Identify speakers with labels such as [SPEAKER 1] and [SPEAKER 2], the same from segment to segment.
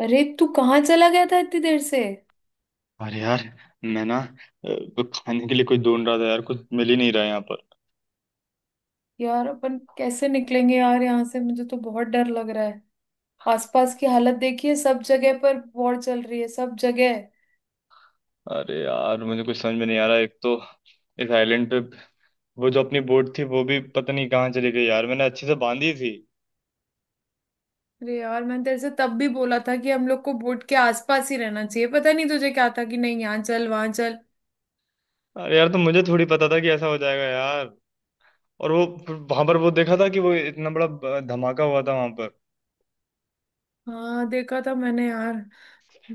[SPEAKER 1] अरे तू कहाँ चला गया था इतनी देर से?
[SPEAKER 2] अरे यार। मैं कुछ खाने के लिए कुछ ढूंढ रहा था यार, कुछ मिल ही नहीं रहा है यहाँ पर।
[SPEAKER 1] यार अपन कैसे निकलेंगे यार यहाँ से? मुझे तो बहुत डर लग रहा है। आसपास की हालत देखिए। सब जगह पर वॉर चल रही है सब जगह।
[SPEAKER 2] अरे यार, मुझे कुछ समझ में नहीं आ रहा। एक तो इस आइलैंड पे वो जो अपनी बोट थी वो भी पता नहीं कहाँ चली गई यार, मैंने अच्छे से बांधी थी।
[SPEAKER 1] अरे यार मैंने तेरे से तब भी बोला था कि हम लोग को बोट के आसपास ही रहना चाहिए। पता नहीं तुझे क्या था कि नहीं, यहाँ चल वहां चल।
[SPEAKER 2] अरे यार, तो मुझे थोड़ी पता था कि ऐसा हो जाएगा यार। और वो वहां पर वो देखा था कि वो इतना बड़ा धमाका हुआ था वहां पर।
[SPEAKER 1] हाँ, देखा था मैंने यार।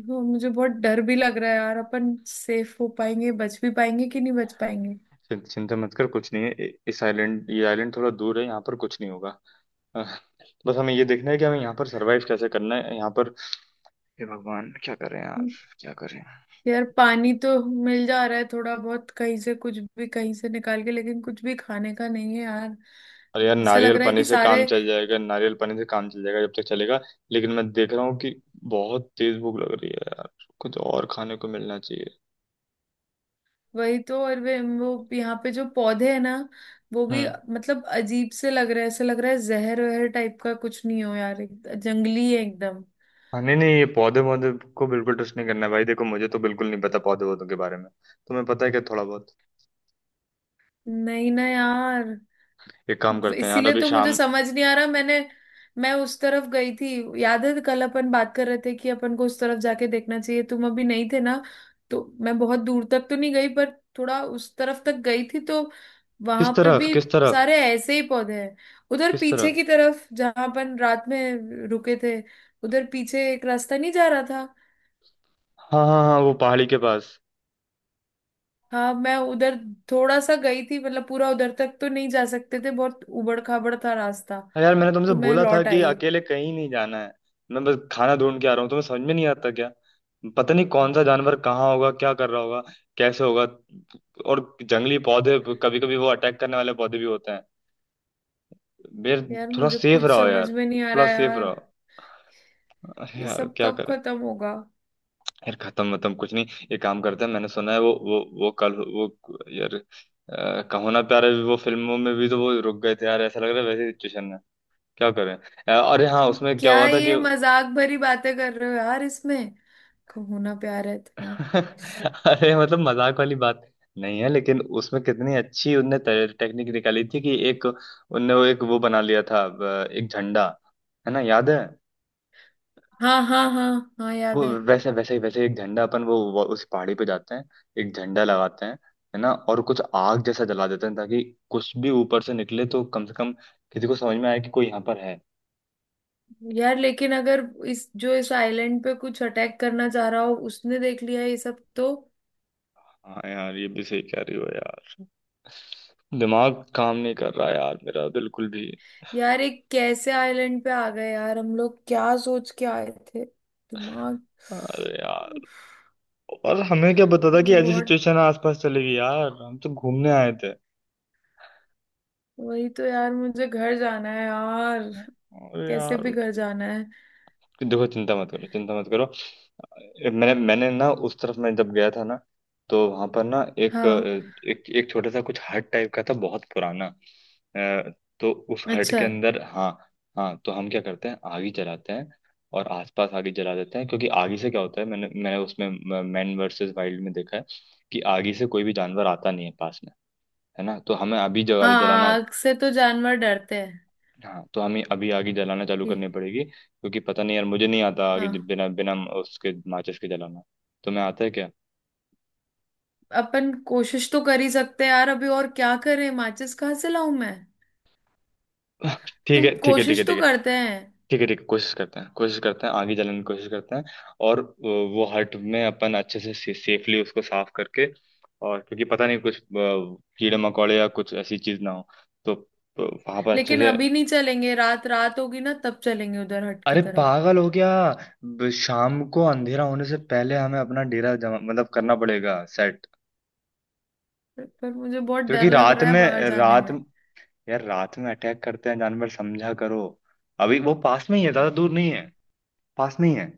[SPEAKER 1] वो मुझे बहुत डर भी लग रहा है यार। अपन सेफ हो पाएंगे? बच भी पाएंगे कि नहीं बच पाएंगे?
[SPEAKER 2] चिंता मत कर, कुछ नहीं है। इस आइलैंड, ये आइलैंड थोड़ा दूर है, यहाँ पर कुछ नहीं होगा। अ, बस हमें ये देखना है कि हमें यहाँ पर सरवाइव कैसे करना है यहाँ पर। हे भगवान, क्या करें यार, क्या करें।
[SPEAKER 1] यार पानी तो मिल जा रहा है थोड़ा बहुत, कहीं से कुछ भी कहीं से निकाल के, लेकिन कुछ भी खाने का नहीं है यार।
[SPEAKER 2] और यार,
[SPEAKER 1] ऐसा लग
[SPEAKER 2] नारियल
[SPEAKER 1] रहा है
[SPEAKER 2] पानी
[SPEAKER 1] कि
[SPEAKER 2] से काम
[SPEAKER 1] सारे।
[SPEAKER 2] चल जाएगा, नारियल पानी से काम चल जाएगा जब तक चलेगा। लेकिन मैं देख रहा हूँ कि बहुत तेज भूख लग रही है यार, कुछ और खाने को मिलना चाहिए।
[SPEAKER 1] वही तो। और वे वो यहाँ पे जो पौधे हैं ना, वो भी।
[SPEAKER 2] हम्म।
[SPEAKER 1] मतलब अजीब से लग रहा है। ऐसा लग रहा है जहर वहर टाइप का कुछ नहीं हो यार। जंगली है एकदम।
[SPEAKER 2] हाँ, नहीं नहीं, ये पौधे पौधे को बिल्कुल टच नहीं करना है भाई। देखो, मुझे तो बिल्कुल नहीं पता पौधे पौधों के बारे में, तुम्हें पता है क्या थोड़ा बहुत?
[SPEAKER 1] नहीं ना यार।
[SPEAKER 2] एक काम करते हैं यार,
[SPEAKER 1] इसीलिए
[SPEAKER 2] अभी
[SPEAKER 1] तो मुझे
[SPEAKER 2] शाम।
[SPEAKER 1] समझ नहीं आ रहा। मैं उस तरफ गई थी। याद है कल अपन बात कर रहे थे कि अपन को उस तरफ जाके देखना चाहिए? तुम अभी नहीं थे ना। तो मैं बहुत दूर तक तो नहीं गई पर थोड़ा उस तरफ तक गई थी। तो वहां
[SPEAKER 2] किस
[SPEAKER 1] पे
[SPEAKER 2] तरफ?
[SPEAKER 1] भी
[SPEAKER 2] किस तरफ?
[SPEAKER 1] सारे ऐसे ही पौधे हैं। उधर
[SPEAKER 2] किस
[SPEAKER 1] पीछे
[SPEAKER 2] तरफ?
[SPEAKER 1] की तरफ जहां अपन रात में रुके थे। उधर पीछे एक रास्ता नहीं जा रहा था?
[SPEAKER 2] हाँ हाँ हाँ, वो पहाड़ी के पास।
[SPEAKER 1] हाँ मैं उधर थोड़ा सा गई थी। मतलब पूरा उधर तक तो नहीं जा सकते थे, बहुत उबड़ खाबड़ था रास्ता।
[SPEAKER 2] हाँ यार, मैंने तुमसे
[SPEAKER 1] तो मैं
[SPEAKER 2] बोला था
[SPEAKER 1] लौट
[SPEAKER 2] कि
[SPEAKER 1] आई।
[SPEAKER 2] अकेले कहीं नहीं जाना है। मैं बस खाना ढूंढ के आ रहा हूँ, तुम्हें समझ में नहीं आता क्या? पता नहीं कौन सा जानवर कहाँ होगा, क्या कर रहा होगा, कैसे होगा। और जंगली पौधे कभी कभी वो अटैक करने वाले पौधे भी होते हैं यार।
[SPEAKER 1] यार
[SPEAKER 2] थोड़ा
[SPEAKER 1] मुझे
[SPEAKER 2] सेफ
[SPEAKER 1] कुछ
[SPEAKER 2] रहो
[SPEAKER 1] समझ
[SPEAKER 2] यार,
[SPEAKER 1] में नहीं आ रहा
[SPEAKER 2] थोड़ा सेफ
[SPEAKER 1] यार।
[SPEAKER 2] रहो।
[SPEAKER 1] ये
[SPEAKER 2] यार
[SPEAKER 1] सब
[SPEAKER 2] क्या
[SPEAKER 1] कब
[SPEAKER 2] करें।
[SPEAKER 1] खत्म होगा?
[SPEAKER 2] यार खत्म मतलब कुछ नहीं। ये काम करते हैं। मैंने सुना है वो कल वो, यार कहो ना प्यारे भी, वो फिल्मों में भी तो वो रुक गए थे यार, ऐसा लग रहा है वैसी सिचुएशन है। क्या करें। अरे हाँ,
[SPEAKER 1] तुम
[SPEAKER 2] उसमें क्या
[SPEAKER 1] क्या
[SPEAKER 2] हुआ था
[SPEAKER 1] ये
[SPEAKER 2] कि
[SPEAKER 1] मजाक भरी बातें कर रहे हो यार इसमें? कहूँ ना प्यार है तुम्हारा।
[SPEAKER 2] अरे मतलब मजाक वाली बात नहीं है, लेकिन उसमें कितनी अच्छी उनने टेक्निक निकाली थी कि एक उनने वो एक वो बना लिया था एक झंडा, है ना, याद है?
[SPEAKER 1] हाँ हाँ हाँ हाँ, याद
[SPEAKER 2] वो
[SPEAKER 1] है।
[SPEAKER 2] वैसे वैसे ही वैसे एक झंडा अपन वो उस पहाड़ी पे जाते हैं, एक झंडा लगाते हैं है ना, और कुछ आग जैसा जला देते हैं ताकि कुछ भी ऊपर से निकले तो कम से कम किसी को समझ में आए कि कोई यहाँ पर है।
[SPEAKER 1] यार लेकिन अगर इस जो इस आइलैंड पे कुछ अटैक करना चाह रहा हो, उसने देख लिया ये सब तो।
[SPEAKER 2] हाँ यार, ये भी सही कह रही हो यार, दिमाग काम नहीं कर रहा यार मेरा बिल्कुल भी।
[SPEAKER 1] यार एक कैसे आइलैंड पे आ गए यार हम लोग? क्या सोच के आए थे दिमाग।
[SPEAKER 2] अरे यार,
[SPEAKER 1] उफ।
[SPEAKER 2] और हमें क्या पता था कि
[SPEAKER 1] मुझे
[SPEAKER 2] ऐसी
[SPEAKER 1] बहुत।
[SPEAKER 2] सिचुएशन आसपास चलेगी यार, हम तो घूमने आए थे।
[SPEAKER 1] वही तो यार, मुझे घर जाना है यार।
[SPEAKER 2] अरे
[SPEAKER 1] कैसे भी
[SPEAKER 2] यार,
[SPEAKER 1] घर जाना है।
[SPEAKER 2] देखो, चिंता मत करो, चिंता मत करो। मैंने मैंने ना उस तरफ मैं जब गया था ना, तो वहां पर ना एक
[SPEAKER 1] हाँ।
[SPEAKER 2] एक एक छोटा सा कुछ हट टाइप का था, बहुत पुराना, अ, तो उस हट
[SPEAKER 1] अच्छा।
[SPEAKER 2] के अंदर, हाँ। हाँ, तो हम क्या करते हैं, आग ही जलाते हैं और आसपास आग ही जला देते हैं, क्योंकि आग ही से क्या होता है, मैंने मैंने उसमें मैन वर्सेस वाइल्ड में देखा है कि आग ही से कोई भी जानवर आता नहीं है पास में, है ना। तो हमें अभी जला
[SPEAKER 1] हाँ,
[SPEAKER 2] जलाना,
[SPEAKER 1] आग से तो जानवर डरते हैं।
[SPEAKER 2] हाँ, तो हमें अभी आगे जलाना चालू
[SPEAKER 1] ये।
[SPEAKER 2] करनी पड़ेगी क्योंकि पता नहीं यार, मुझे नहीं आता आगे
[SPEAKER 1] हाँ,
[SPEAKER 2] जब बिना बिना उसके माचिस के जलाना, तुम्हें आता है क्या?
[SPEAKER 1] अपन कोशिश तो कर ही सकते हैं यार। अभी और क्या करें? माचिस कहाँ से लाऊं मैं?
[SPEAKER 2] ठीक
[SPEAKER 1] तुम
[SPEAKER 2] है, ठीक है, ठीक है,
[SPEAKER 1] कोशिश
[SPEAKER 2] ठीक
[SPEAKER 1] तो
[SPEAKER 2] है।
[SPEAKER 1] करते हैं।
[SPEAKER 2] ठीक है, ठीक है, कोशिश करते हैं, कोशिश करते हैं, आगे जलाने की कोशिश करते हैं। और वो हट में अपन अच्छे से सेफली उसको साफ करके, और क्योंकि पता नहीं कुछ कीड़े मकोड़े या कुछ ऐसी चीज ना हो, तो वहां पर अच्छे
[SPEAKER 1] लेकिन
[SPEAKER 2] से।
[SPEAKER 1] अभी नहीं चलेंगे। रात, रात होगी ना तब चलेंगे उधर हट की
[SPEAKER 2] अरे
[SPEAKER 1] तरफ।
[SPEAKER 2] पागल हो गया? शाम को अंधेरा होने से पहले हमें अपना डेरा जमा मतलब करना पड़ेगा, सेट।
[SPEAKER 1] पर मुझे बहुत डर
[SPEAKER 2] क्योंकि
[SPEAKER 1] लग
[SPEAKER 2] रात
[SPEAKER 1] रहा है
[SPEAKER 2] में,
[SPEAKER 1] बाहर जाने
[SPEAKER 2] रात,
[SPEAKER 1] में।
[SPEAKER 2] यार रात में अटैक करते हैं जानवर, समझा करो। अभी वो पास में ही है, ज्यादा दूर नहीं है, पास में ही है।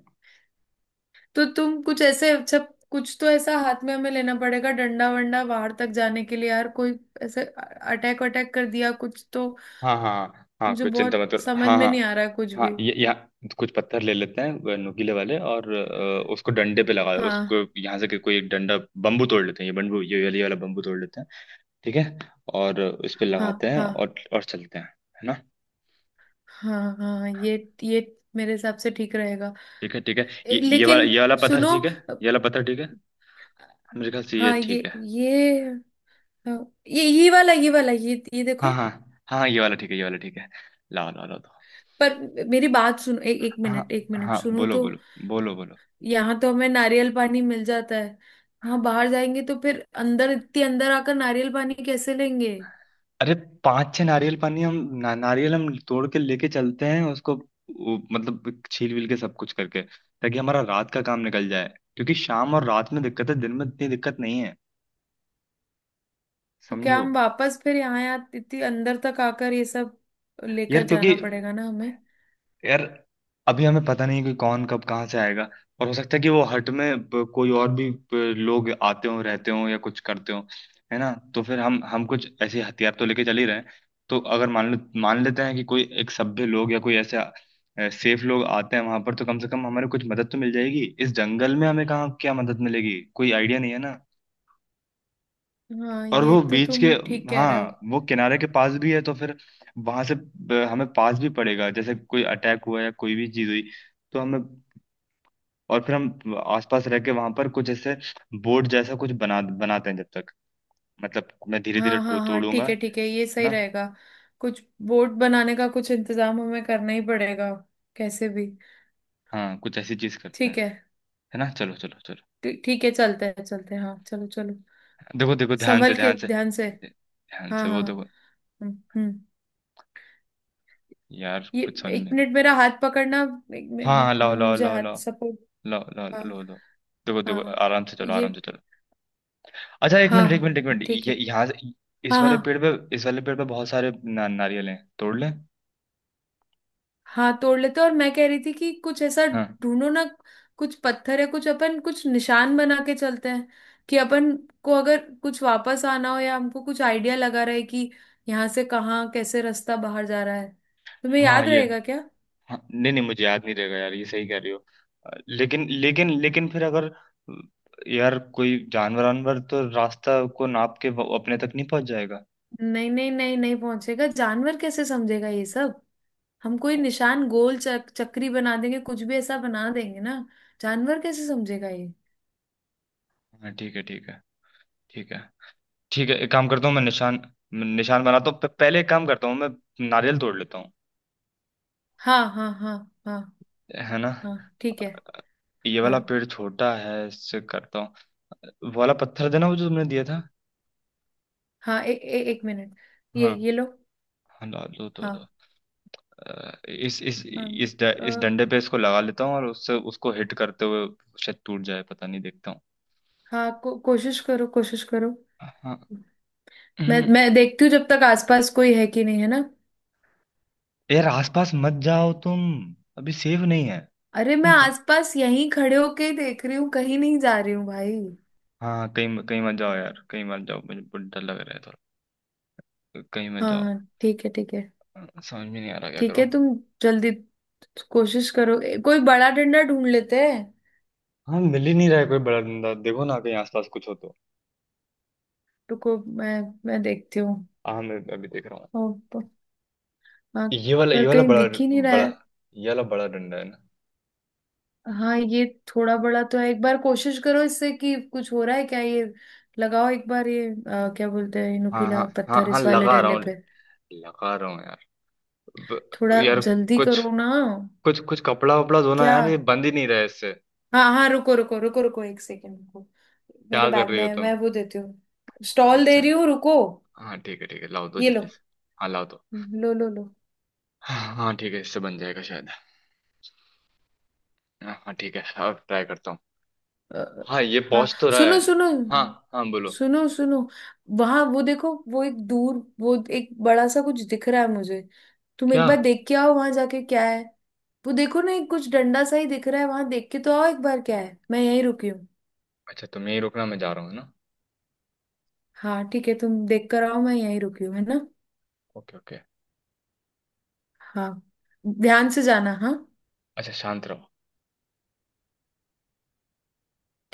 [SPEAKER 1] तो तुम कुछ ऐसे अच्छा, कुछ तो ऐसा हाथ में हमें लेना पड़ेगा। डंडा वंडा बाहर तक जाने के लिए यार। कोई ऐसे अटैक अटैक कर दिया कुछ तो।
[SPEAKER 2] हाँ हाँ हाँ,
[SPEAKER 1] मुझे
[SPEAKER 2] कुछ चिंता
[SPEAKER 1] बहुत
[SPEAKER 2] मत करो,
[SPEAKER 1] समझ
[SPEAKER 2] हाँ
[SPEAKER 1] में
[SPEAKER 2] हाँ।
[SPEAKER 1] नहीं आ रहा है कुछ
[SPEAKER 2] हाँ,
[SPEAKER 1] भी।
[SPEAKER 2] ये यहाँ कुछ पत्थर ले लेते हैं, वो नुकीले वाले, और उसको डंडे पे लगा दो।
[SPEAKER 1] हाँ
[SPEAKER 2] उसको यहाँ से कोई एक डंडा बम्बू तोड़ लेते हैं, ये बम्बू, ये वाली वाला बम्बू तोड़ लेते हैं। ठीक है। और उस पे
[SPEAKER 1] हाँ
[SPEAKER 2] लगाते हैं
[SPEAKER 1] हाँ
[SPEAKER 2] और चलते हैं है ना।
[SPEAKER 1] हाँ हाँ। ये मेरे हिसाब से ठीक रहेगा।
[SPEAKER 2] ठीक है, ठीक है। ये ये वाला
[SPEAKER 1] लेकिन
[SPEAKER 2] ये वाला पत्थर
[SPEAKER 1] सुनो।
[SPEAKER 2] ठीक है,
[SPEAKER 1] अ,
[SPEAKER 2] ये वाला पत्थर ठीक है, मेरे ख्याल से ये
[SPEAKER 1] हाँ, ये
[SPEAKER 2] ठीक है।
[SPEAKER 1] ये हाँ, ये वाला ये वाला ये
[SPEAKER 2] हाँ
[SPEAKER 1] देखो।
[SPEAKER 2] हाँ हाँ हाँ, ये वाला ठीक है, ये वाला ठीक है। लाओ लाओ लाओ, दो।
[SPEAKER 1] पर मेरी बात सुनो।
[SPEAKER 2] हाँ।
[SPEAKER 1] एक मिनट
[SPEAKER 2] हाँ
[SPEAKER 1] सुनो
[SPEAKER 2] बोलो
[SPEAKER 1] तो।
[SPEAKER 2] बोलो, बोलो बोलो।
[SPEAKER 1] यहाँ तो हमें नारियल पानी मिल जाता है। वहाँ बाहर जाएंगे तो फिर अंदर, इतनी अंदर आकर नारियल पानी कैसे लेंगे?
[SPEAKER 2] अरे पांच छह नारियल पानी हम ना, नारियल हम तोड़ के लेके चलते हैं, उसको वो, मतलब छील विल के सब कुछ करके, ताकि हमारा रात का काम निकल जाए, क्योंकि शाम और रात में दिक्कत है, दिन में इतनी दिक्कत नहीं है,
[SPEAKER 1] तो क्या
[SPEAKER 2] समझो।
[SPEAKER 1] हम वापस फिर यहाँ यहाँ इतनी अंदर तक आकर ये सब
[SPEAKER 2] यार
[SPEAKER 1] लेकर
[SPEAKER 2] क्योंकि,
[SPEAKER 1] जाना पड़ेगा ना हमें?
[SPEAKER 2] यार अभी हमें पता नहीं है कि कौन कब कहाँ से आएगा, और हो सकता है कि वो हट में कोई और भी लोग आते हों, रहते हों या कुछ करते हों, है ना। तो फिर हम कुछ ऐसे हथियार तो लेके चल ही रहे हैं, तो अगर मान लेते हैं कि कोई एक सभ्य लोग या कोई ऐसे सेफ लोग आते हैं वहां पर, तो कम से कम हमारे कुछ मदद तो मिल जाएगी, इस जंगल में हमें कहाँ क्या मदद मिलेगी, कोई आइडिया नहीं है ना।
[SPEAKER 1] हाँ,
[SPEAKER 2] और
[SPEAKER 1] ये
[SPEAKER 2] वो
[SPEAKER 1] तो
[SPEAKER 2] बीच के,
[SPEAKER 1] तुम ठीक कह रहे हो।
[SPEAKER 2] हाँ वो किनारे के पास भी है तो फिर वहां से हमें पास भी पड़ेगा, जैसे कोई अटैक हुआ या कोई भी चीज हुई तो हमें। और फिर हम आसपास रह के वहां पर कुछ ऐसे बोर्ड जैसा कुछ बनाते हैं जब तक, मतलब मैं धीरे धीरे
[SPEAKER 1] हाँ हाँ हाँ,
[SPEAKER 2] तोड़ूंगा
[SPEAKER 1] ठीक है
[SPEAKER 2] है
[SPEAKER 1] ठीक है, ये सही
[SPEAKER 2] ना।
[SPEAKER 1] रहेगा। कुछ बोर्ड बनाने का कुछ इंतजाम हमें करना ही पड़ेगा, कैसे भी।
[SPEAKER 2] हाँ कुछ ऐसी चीज करते हैं
[SPEAKER 1] ठीक है।
[SPEAKER 2] है ना, चलो चलो चलो।
[SPEAKER 1] ठीक है, चलते हैं चलते हैं, हाँ चलो चलो।
[SPEAKER 2] देखो देखो, ध्यान से
[SPEAKER 1] संभल के
[SPEAKER 2] ध्यान से,
[SPEAKER 1] ध्यान से।
[SPEAKER 2] ध्यान
[SPEAKER 1] हाँ
[SPEAKER 2] से
[SPEAKER 1] हाँ
[SPEAKER 2] वो
[SPEAKER 1] हाँ।
[SPEAKER 2] देखो।
[SPEAKER 1] हम्म। हम्म।
[SPEAKER 2] यार
[SPEAKER 1] ये,
[SPEAKER 2] कुछ समझ
[SPEAKER 1] एक
[SPEAKER 2] में।
[SPEAKER 1] मिनट मेरा हाथ पकड़ना। एक
[SPEAKER 2] हाँ हाँ,
[SPEAKER 1] मिनट
[SPEAKER 2] लाओ लाओ
[SPEAKER 1] मुझे
[SPEAKER 2] लाओ
[SPEAKER 1] हाथ
[SPEAKER 2] लाओ,
[SPEAKER 1] सपोर्ट।
[SPEAKER 2] लाओ लाओ
[SPEAKER 1] हाँ
[SPEAKER 2] लाओ लाओ। देखो देखो।
[SPEAKER 1] हाँ
[SPEAKER 2] आराम से चलो,
[SPEAKER 1] ये।
[SPEAKER 2] आराम से चलो। अच्छा, एक
[SPEAKER 1] हाँ
[SPEAKER 2] मिनट, एक मिनट, एक
[SPEAKER 1] हाँ
[SPEAKER 2] मिनट।
[SPEAKER 1] ठीक
[SPEAKER 2] ये
[SPEAKER 1] है।
[SPEAKER 2] यहाँ से- इस
[SPEAKER 1] हाँ
[SPEAKER 2] वाले पेड़
[SPEAKER 1] हाँ
[SPEAKER 2] पे, इस वाले पेड़ पे बहुत सारे ना, नारियल हैं, तोड़ लें।
[SPEAKER 1] हाँ, तोड़ लेते हैं। और मैं कह रही थी कि कुछ ऐसा
[SPEAKER 2] हाँ
[SPEAKER 1] ढूंढो ना। कुछ पत्थर है, कुछ अपन कुछ निशान बना के चलते हैं, कि अपन को अगर कुछ वापस आना हो या हमको कुछ आइडिया लगा रहे कि यहाँ से कहाँ कैसे रास्ता बाहर जा रहा है। तुम्हें
[SPEAKER 2] हाँ,
[SPEAKER 1] याद
[SPEAKER 2] ये
[SPEAKER 1] रहेगा क्या?
[SPEAKER 2] हाँ, नहीं नहीं, मुझे याद नहीं रहेगा यार, ये सही कह रही हो। लेकिन लेकिन लेकिन फिर अगर अ, यार कोई जानवर वानवर तो रास्ता को नाप के वो अपने तक नहीं पहुंच जाएगा?
[SPEAKER 1] नहीं नहीं नहीं नहीं पहुंचेगा। जानवर कैसे समझेगा ये सब? हम कोई निशान गोल चक्री बना देंगे, कुछ भी ऐसा बना देंगे ना। जानवर कैसे समझेगा ये?
[SPEAKER 2] हाँ ठीक है, ठीक है, ठीक है। ठीक है, एक काम करता हूँ, मैं निशान, निशान बनाता हूँ। पहले एक काम करता हूँ, मैं नारियल तोड़ लेता हूँ
[SPEAKER 1] हाँ हाँ हाँ हाँ
[SPEAKER 2] है ना।
[SPEAKER 1] हाँ, ठीक है।
[SPEAKER 2] ये वाला
[SPEAKER 1] हाँ
[SPEAKER 2] पेड़ छोटा है, इससे करता हूँ। वाला पत्थर देना, वो जो तुमने दिया था।
[SPEAKER 1] हाँ ए, ए, एक मिनट। ये
[SPEAKER 2] हाँ,
[SPEAKER 1] ये लो।
[SPEAKER 2] हाँ लो लो, दो तो, दो।
[SPEAKER 1] हाँ
[SPEAKER 2] इस
[SPEAKER 1] हाँ।
[SPEAKER 2] इस इस
[SPEAKER 1] अ,
[SPEAKER 2] डंडे पे इसको लगा लेता हूँ, और उससे उसको हिट करते हुए शायद टूट जाए, पता नहीं देखता हूँ।
[SPEAKER 1] हाँ। कोशिश करो, कोशिश करो।
[SPEAKER 2] हाँ।
[SPEAKER 1] मैं
[SPEAKER 2] हम्म।
[SPEAKER 1] मैं देखती हूँ जब तक आसपास कोई है कि नहीं है ना।
[SPEAKER 2] यार आसपास मत जाओ तुम, अभी सेफ नहीं है।
[SPEAKER 1] अरे मैं
[SPEAKER 2] तुम सर,
[SPEAKER 1] आसपास यहीं खड़े होके ही देख रही हूँ, कहीं नहीं जा रही हूँ भाई।
[SPEAKER 2] हाँ कहीं, कहीं मत जाओ यार, कहीं मत जाओ, मुझे बहुत डर लग रहा है थोड़ा, कहीं मत
[SPEAKER 1] हाँ
[SPEAKER 2] जाओ,
[SPEAKER 1] हाँ ठीक है ठीक है।
[SPEAKER 2] समझ में नहीं आ रहा क्या
[SPEAKER 1] ठीक
[SPEAKER 2] करो।
[SPEAKER 1] है। तुम जल्दी कोशिश करो। कोई बड़ा डंडा ढूंढ लेते हैं।
[SPEAKER 2] हाँ मिल ही नहीं रहा है कोई बड़ा डंडा, देखो ना कहीं आसपास कुछ हो तो।
[SPEAKER 1] रुको, मैं देखती हूँ।
[SPEAKER 2] हाँ मैं अभी देख रहा हूँ।
[SPEAKER 1] ओ, प- हाँ। पर
[SPEAKER 2] ये वाला
[SPEAKER 1] कहीं
[SPEAKER 2] बड़ा,
[SPEAKER 1] दिख ही नहीं रहा
[SPEAKER 2] बड़ा,
[SPEAKER 1] है।
[SPEAKER 2] ये वाला बड़ा डंडा है ना।
[SPEAKER 1] हाँ ये थोड़ा बड़ा तो है। एक बार कोशिश करो इससे कि कुछ हो रहा है क्या ये। लगाओ एक बार ये, क्या बोलते हैं, ये
[SPEAKER 2] हाँ हाँ
[SPEAKER 1] नुकीला
[SPEAKER 2] हाँ
[SPEAKER 1] पत्थर
[SPEAKER 2] हाँ,
[SPEAKER 1] इस वाले
[SPEAKER 2] लगा रहा
[SPEAKER 1] डंडे
[SPEAKER 2] हूँ,
[SPEAKER 1] पे।
[SPEAKER 2] लगा रहा हूँ यार,
[SPEAKER 1] थोड़ा
[SPEAKER 2] यार
[SPEAKER 1] जल्दी
[SPEAKER 2] कुछ
[SPEAKER 1] करो ना।
[SPEAKER 2] कुछ कुछ कपड़ा वपड़ा धोना
[SPEAKER 1] क्या?
[SPEAKER 2] यार, ये बंद ही नहीं रहा है इससे।
[SPEAKER 1] हाँ हाँ, रुको रुको रुको रुको, एक सेकेंड रुको। मेरे
[SPEAKER 2] क्या कर
[SPEAKER 1] बैग
[SPEAKER 2] रही
[SPEAKER 1] में
[SPEAKER 2] हो
[SPEAKER 1] है,
[SPEAKER 2] तुम?
[SPEAKER 1] मैं वो देती हूँ। स्टॉल दे
[SPEAKER 2] अच्छा।
[SPEAKER 1] रही हूँ, रुको।
[SPEAKER 2] हाँ ठीक है, ठीक है, लाओ दो
[SPEAKER 1] ये लो।
[SPEAKER 2] जल्दी से। हाँ लाओ दो।
[SPEAKER 1] लो लो लो।
[SPEAKER 2] हाँ ठीक है, इससे बन जाएगा शायद। हाँ हाँ, ठीक है, अब ट्राई करता हूँ।
[SPEAKER 1] अ,
[SPEAKER 2] हाँ ये
[SPEAKER 1] हाँ।
[SPEAKER 2] पहुँच तो रहा है।
[SPEAKER 1] सुनो सुनो।
[SPEAKER 2] हाँ, हाँ बोलो।
[SPEAKER 1] सुनो सुनो, वहां वो देखो। वो एक दूर, वो एक बड़ा सा कुछ दिख रहा है मुझे। तुम
[SPEAKER 2] क्या?
[SPEAKER 1] एक बार देख के आओ वहां जाके क्या है। वो देखो ना, एक कुछ डंडा सा ही दिख रहा है वहां। देख के तो आओ एक बार क्या है, मैं यहीं रुकी हूँ।
[SPEAKER 2] अच्छा तुम यहीं रुकना, मैं जा रहा हूँ ना।
[SPEAKER 1] हाँ ठीक है, तुम देख कर आओ, मैं यहीं रुकी हूँ है ना।
[SPEAKER 2] Okay okay.
[SPEAKER 1] हाँ, ध्यान से जाना हाँ।
[SPEAKER 2] अच्छा, शांत रहो।